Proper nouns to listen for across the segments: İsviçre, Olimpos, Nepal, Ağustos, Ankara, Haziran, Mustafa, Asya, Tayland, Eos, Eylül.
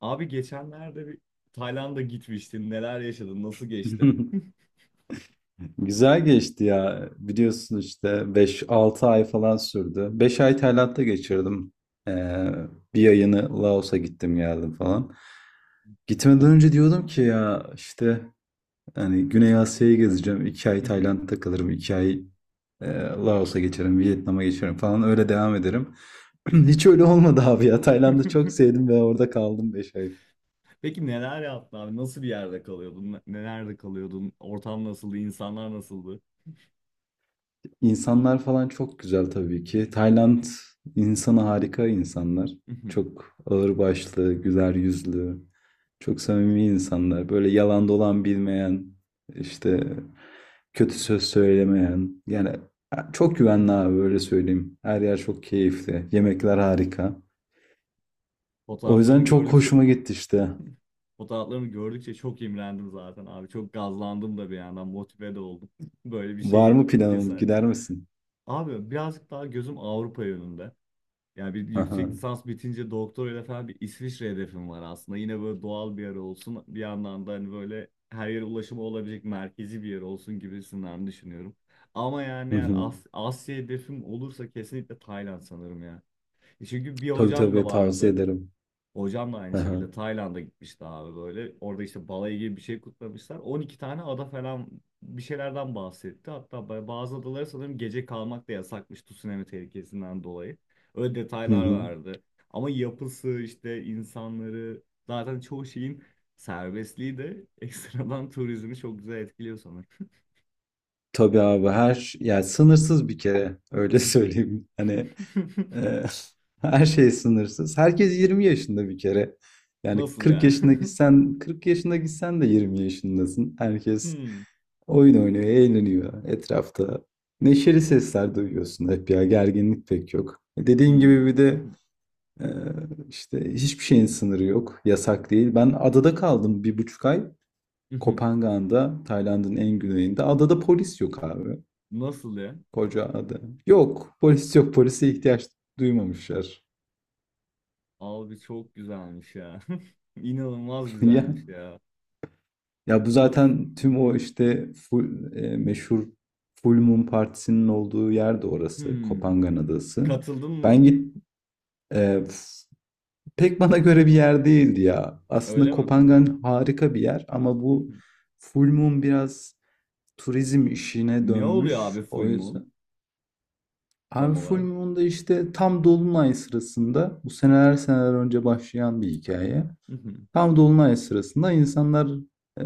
Abi geçenlerde bir Tayland'a gitmiştin. Neler yaşadın? Nasıl geçti? Güzel geçti ya. Biliyorsun işte beş altı ay falan sürdü. 5 ay Tayland'da geçirdim. Ee, bir ayını Laos'a gittim geldim falan. Gitmeden önce diyordum ki ya işte hani Güney Asya'yı gezeceğim. 2 ay Tayland'da kalırım. 2 ay Laos'a geçerim. Vietnam'a geçerim falan öyle devam ederim. Hiç öyle olmadı abi ya. Tayland'ı çok sevdim ve orada kaldım 5 ay. Peki neler yaptın abi? Nasıl bir yerde kalıyordun? Nelerde kalıyordun? Ortam nasıldı? İnsanlar nasıldı? İnsanlar falan çok güzel tabii ki. Tayland insanı harika insanlar. Çok ağırbaşlı, güler yüzlü, çok samimi insanlar. Böyle yalan dolan bilmeyen, işte kötü söz söylemeyen. Yani çok güvenli abi öyle söyleyeyim. Her yer çok keyifli. Yemekler harika. O Fotoğraflarını yüzden çok gördükçe hoşuma gitti işte. fotoğraflarını gördükçe çok imrendim zaten abi. Çok gazlandım da bir yandan motive de oldum. Böyle bir Var şeye mı planın? cesaret. Gider misin? Abi birazcık daha gözüm Avrupa yönünde. Yani bir Aha. yüksek lisans bitince doktorayla falan bir İsviçre hedefim var aslında. Yine böyle doğal bir yer olsun. Bir yandan da hani böyle her yere ulaşımı olabilecek merkezi bir yer olsun gibisinden düşünüyorum. Ama yani Hı eğer hı. Asya hedefim olursa kesinlikle Tayland sanırım ya. E çünkü bir Tabii hocam da tabii tavsiye vardı. ederim. Hocam da aynı Aha. şekilde Tayland'a gitmişti abi böyle. Orada işte balayı gibi bir şey kutlamışlar. 12 tane ada falan bir şeylerden bahsetti. Hatta bazı adalara sanırım gece kalmak da yasakmış tsunami tehlikesinden dolayı. Öyle Hı detaylar hı. vardı. Ama yapısı işte insanları zaten çoğu şeyin serbestliği de ekstradan turizmi çok güzel etkiliyor sanırım. Tabii abi her yani sınırsız bir kere öyle Mhm. söyleyeyim. Hani e, her şey sınırsız. Herkes 20 yaşında bir kere. Yani Nasıl 40 ya? yaşına gitsen 40 yaşına gitsen de 20 yaşındasın. Herkes Hmm. oyun oynuyor, eğleniyor etrafta. Neşeli sesler duyuyorsun hep ya gerginlik pek yok. Dediğin gibi bir de e, işte hiçbir şeyin sınırı yok. Yasak değil. Hmm. Ben adada kaldım bir buçuk ay. Kopangan'da, Tayland'ın en güneyinde. Adada polis yok abi. Nasıl ya? Koca adam. Yok, polis yok. Polise ihtiyaç duymamışlar. Abi çok güzelmiş ya. İnanılmaz Ya güzelmiş ya. ya bu Of. zaten tüm o işte full, meşhur Full Moon Partisi'nin olduğu yer de orası. Hmm. Kopangan Adası. Katıldın Ben mı? git e, f- pek bana göre bir yer değildi ya. Aslında Öyle mi? Kopangan harika bir yer ama bu Full Moon biraz turizm işine Ne oluyor dönmüş. abi O full moon yüzden. Abi tam Full olarak? Moon'da işte tam dolunay sırasında bu seneler seneler önce başlayan bir hikaye. Tam dolunay sırasında insanlar e,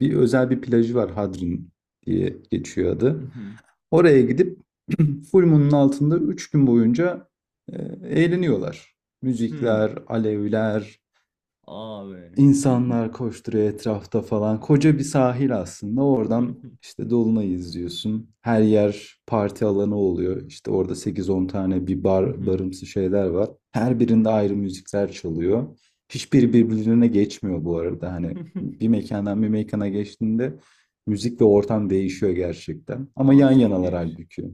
özel bir plajı var, Hadrin diye geçiyor adı. Oraya gidip full moon'un altında 3 gün boyunca e, eğleniyorlar. Hmm. Müzikler, alevler. Abi. İnsanlar koşturuyor etrafta falan. Koca bir sahil aslında. Oradan işte Dolunay'ı izliyorsun. Her yer parti alanı oluyor. İşte orada sekiz on tane bir bar, barımsı şeyler var. Her birinde ayrı müzikler çalıyor. Hiçbiri Hmm. birbirine geçmiyor bu arada. Hani bir mekandan bir mekana geçtiğinde müzik ve ortam değişiyor gerçekten. Ama Aa, yan çok yanalar iyiymiş. halbuki.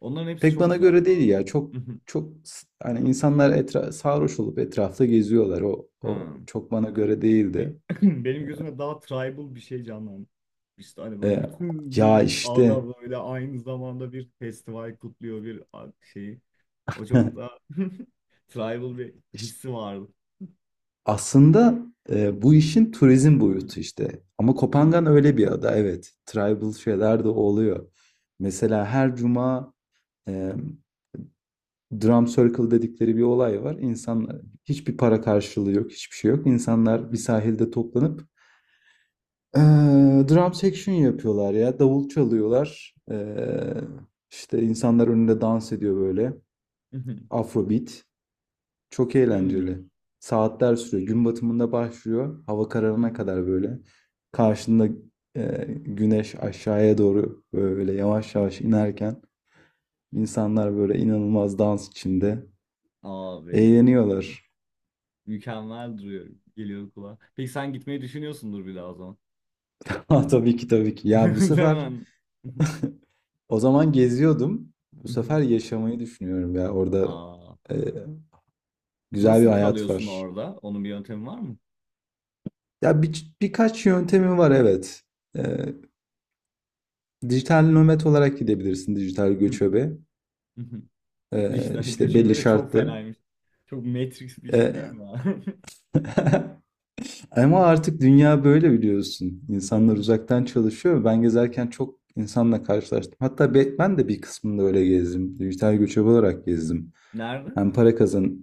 Onların hepsi Pek çok bana güzel göre değil ya. planlar. Çok çok hani insanlar sarhoş olup etrafta geziyorlar. O Hmm. çok bana göre değildi. Be- Benim gözüme daha tribal bir şey canlandı. İşte hani böyle E, bütün ya bir işte ada böyle aynı zamanda bir festival kutluyor bir şeyi. O çok daha tribal bir işte hissi vardı. aslında bu işin turizm boyutu işte. Ama Hmm. Kopangan öyle bir ada evet. Tribal şeyler de oluyor. Mesela her cuma e, drum circle dedikleri bir olay var. İnsanlar hiçbir para karşılığı yok, hiçbir şey yok. İnsanlar bir sahilde toplanıp e, drum section yapıyorlar ya. Davul çalıyorlar. E, işte insanlar önünde dans ediyor böyle. Afrobeat. Çok Hmm. eğlenceli. Saatler sürüyor. Gün batımında başlıyor. Hava kararına kadar böyle. Karşında güneş aşağıya doğru böyle yavaş yavaş inerken insanlar böyle inanılmaz dans içinde Abi eğleniyorlar. mükemmel duruyor. Geliyor kulağa. Peki sen gitmeyi düşünüyorsundur bir daha o zaman. Ha, tabii ki tabii ki. Ya bu sefer Değil mi? o zaman geziyordum. Bu sefer yaşamayı düşünüyorum ya. Orada Aa, e, güzel bir nasıl hayat kalıyorsun var. orada? Onun bir yöntemi var mı? Ya birkaç yöntemi var evet. E, dijital nomad olarak gidebilirsin, dijital göçebe. Dijital İşte belli göçebe çok şartları. fenaymış. Çok Matrix bir şey değil Ee, mi abi? Ama artık dünya böyle biliyorsun. İnsanlar Doğru. uzaktan çalışıyor. Ben gezerken çok insanla karşılaştım. Hatta ben de bir kısmında öyle gezdim. Dijital göçebe olarak gezdim. Nerede? Hem para kazan,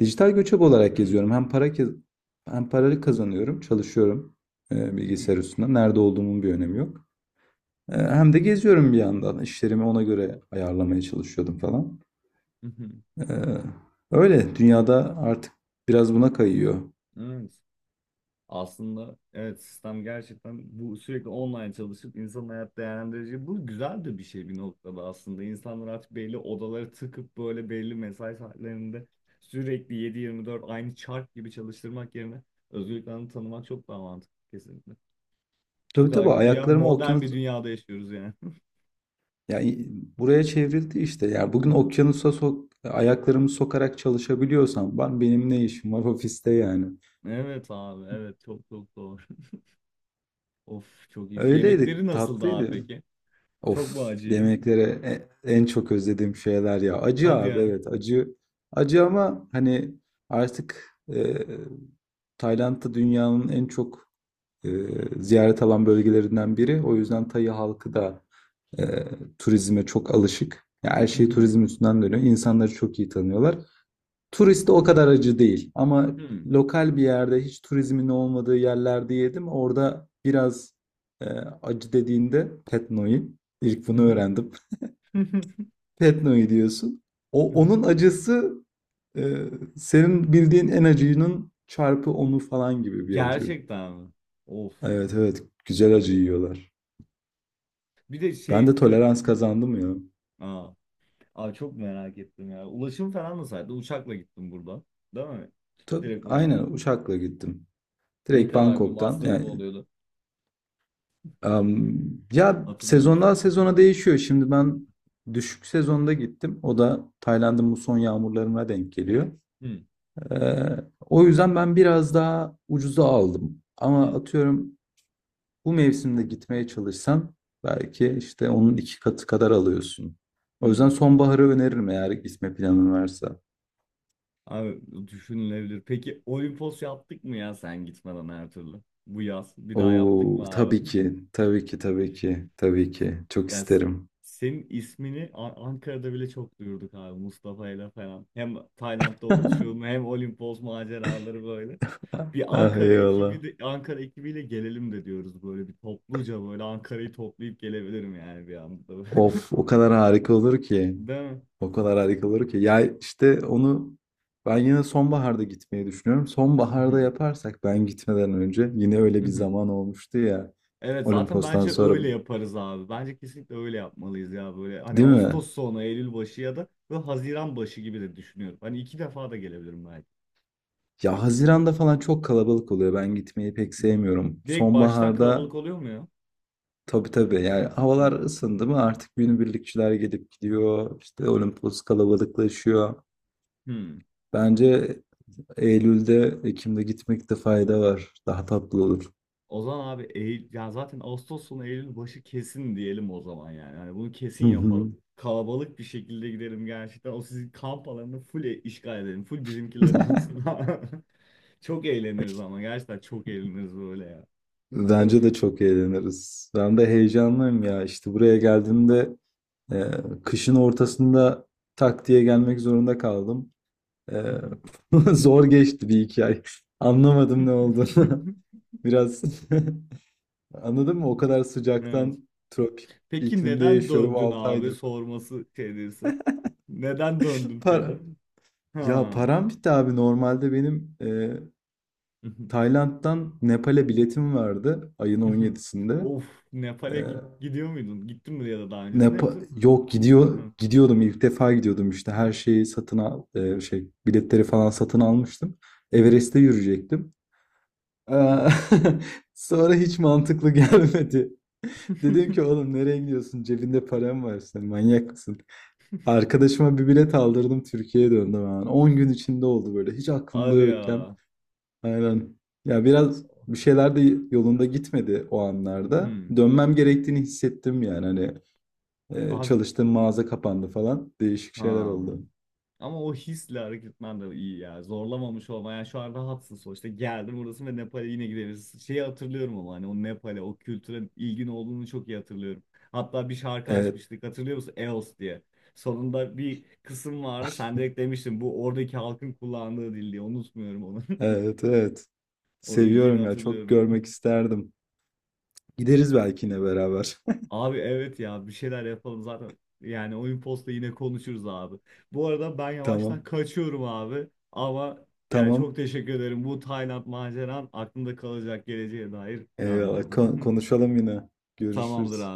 dijital göçebe olarak Hmm. geziyorum. Hem paraları kazanıyorum, çalışıyorum bilgisayar üstünde. Nerede olduğumun bir önemi yok. Hem de geziyorum bir yandan. İşlerimi ona göre ayarlamaya çalışıyordum falan. Ee, öyle dünyada artık biraz buna kayıyor. Evet. Aslında evet, sistem gerçekten bu, sürekli online çalışıp insanın hayat değerlendirici. Bu güzel de bir şey bir noktada aslında. İnsanlar artık belli odaları tıkıp böyle belli mesai saatlerinde sürekli yedi yirmi dört aynı çark gibi çalıştırmak yerine özgürlüklerini tanımak çok daha mantıklı kesinlikle. O Tabii kadar tabii güya ayaklarımı modern bir okyanus, dünyada yaşıyoruz yani. yani buraya çevrildi işte. Yani bugün okyanusa ayaklarımı sokarak çalışabiliyorsam benim ne işim var ofiste yani. Evet abi evet, çok çok doğru. Of çok iyi. Öyleydi, Yemekleri nasıldı abi tatlıydı. peki? Çok mu Of, acıydı? yemeklere en çok özlediğim şeyler ya. Acı Hadi abi, ya. evet acı. Acı ama hani artık Tayland'da dünyanın en çok e, ziyaret alan bölgelerinden biri. O yüzden Tayı halkı da e, turizme çok alışık, yani her Hı şey hı, turizm üstünden dönüyor. İnsanları çok iyi tanıyorlar. Turist de o kadar acı değil. Ama hı, lokal bir yerde, hiç turizmin olmadığı yerlerde yedim. Orada biraz e, acı dediğinde Petno'yu ilk hı bunu hı, öğrendim. hı hı, Petno'yu diyorsun. O hı hı. onun acısı e, senin bildiğin en acıyının çarpı onu falan gibi bir acı. Gerçekten mi? Of. Evet evet, güzel acı yiyorlar. Bir de Ben de tolerans kazandım ya. Aa, abi çok merak ettim ya. Ulaşım falan nasıldı? Uçakla gittim burada. Değil mi? Tabii, Direkt olarak. aynen uçakla gittim. Ne Direkt kadar bir Bangkok'tan. masrafı Yani, oluyordu? am, ya Hatırlıyor musun? sezondan Hı hı, sezona değişiyor. Şimdi ben düşük sezonda gittim. O da Tayland'ın bu son yağmurlarına denk geliyor. hı hı, Ee, o yüzden ben biraz daha ucuza aldım. Ama hı atıyorum bu mevsimde gitmeye çalışsan belki işte onun iki katı kadar alıyorsun. hı, O yüzden hı. sonbaharı öneririm eğer gitme planın varsa. Abi düşünülebilir. Peki Olimpos yaptık mı ya sen gitmeden her türlü? Bu yaz bir daha yaptık Oo, mı tabii abi? ki, tabii ki, tabii ki, tabii ki. Çok Ya s- isterim. senin ismini Ankara'da bile çok duyurduk abi Mustafa ile falan. Hem Tayland'da oluşum hem Olimpos maceraları böyle. Bir Ah Ankara eyvallah. ekibi Ankara ekibiyle gelelim de diyoruz böyle bir topluca böyle Ankara'yı toplayıp gelebilirim yani bir anda. Of, o kadar harika olur ki. Değil O kadar harika olur ki. Ya işte onu ben yine sonbaharda gitmeyi düşünüyorum. Sonbaharda mi? yaparsak, ben gitmeden önce yine öyle bir zaman olmuştu ya. Evet zaten Olimpos'tan bence sonra, öyle yaparız abi. Bence kesinlikle öyle yapmalıyız ya böyle. Hani değil mi? Ağustos sonu, Eylül başı ya da böyle Haziran başı gibi de düşünüyorum. Hani iki defa da gelebilirim belki. Ya Haziran'da falan çok kalabalık oluyor. Ben gitmeyi pek sevmiyorum. Direkt baştan Sonbaharda kalabalık oluyor mu ya? tabii tabii, yani havalar Hmm. ısındı mı artık günübirlikçiler gelip gidiyor. İşte Olimpos kalabalıklaşıyor. Hmm. Bence Eylül'de, Ekim'de gitmekte fayda var. Daha tatlı olur. O zaman abi Eylül, ya zaten Ağustos sonu Eylül başı kesin diyelim o zaman yani. Hani bunu kesin Hı yapalım. hı. Kalabalık bir şekilde gidelim gerçekten. O sizin kamp alanını full işgal edelim. Full bizimkiler olsun. Çok eğleniriz ama gerçekten çok eğleniriz böyle ya. Bence de Of. çok eğleniriz. Ben de heyecanlıyım ya. İşte buraya geldiğimde e, kışın ortasında tak diye gelmek zorunda kaldım. E, Zor geçti bir iki ay. Anlamadım ne oldu. Biraz anladın mı? O kadar Evet. sıcaktan, tropik Peki iklimde neden yaşıyorum döndün 6 abi aydır. sorması şeydesi. Neden döndün Para. peki? Ya Ha. param bitti abi. Normalde benim Tayland'dan Nepal'e biletim vardı ayın 17'sinde. Of, Nepal'e gidiyor muydun? Gittin mi ya da daha Ne öncesinde yapa- yoksa? Yok, gidiyor Hı. gidiyordum ilk defa gidiyordum, işte her şeyi satın şey biletleri falan satın almıştım. Everest'te yürüyecektim. Eee, Sonra hiç mantıklı gelmedi. Dedim ki oğlum nereye gidiyorsun? Cebinde param var, senin manyak mısın? Arkadaşıma bir bilet aldırdım, Türkiye'ye döndüm hemen. 10 gün içinde oldu, böyle hiç aklımda Hadi yokken. ya. Aynen. Ya biraz bir şeyler de yolunda gitmedi o anlarda. Hmm. Dönmem gerektiğini hissettim yani, hani Abi çalıştığım mağaza kapandı falan. Değişik şeyler ha. oldu. Ama o hisle hareket etmen de iyi ya. Zorlamamış olma. Yani şu an rahatsın sonuçta. Geldim burası ve Nepal'e yine gideriz. Şeyi hatırlıyorum ama hani o Nepal'e, o kültüre ilgin olduğunu çok iyi hatırlıyorum. Hatta bir şarkı Evet, açmıştık. Hatırlıyor musun? Eos diye. Sonunda bir kısım vardı. Sen direkt demiştin bu oradaki halkın kullandığı dil diye. Unutmuyorum onu. evet, evet. O ilgini Seviyorum ya. Çok hatırlıyorum. görmek isterdim. Gideriz belki yine beraber. Abi evet ya, bir şeyler yapalım zaten. Yani oyun posta yine konuşuruz abi. Bu arada ben yavaştan Tamam, kaçıyorum abi. Ama yani çok tamam. teşekkür ederim. Bu Tayland maceran aklımda kalacak, geleceğe dair Eyvallah. planlardı. Kon- konuşalım yine. Tamamdır Görüşürüz. abi.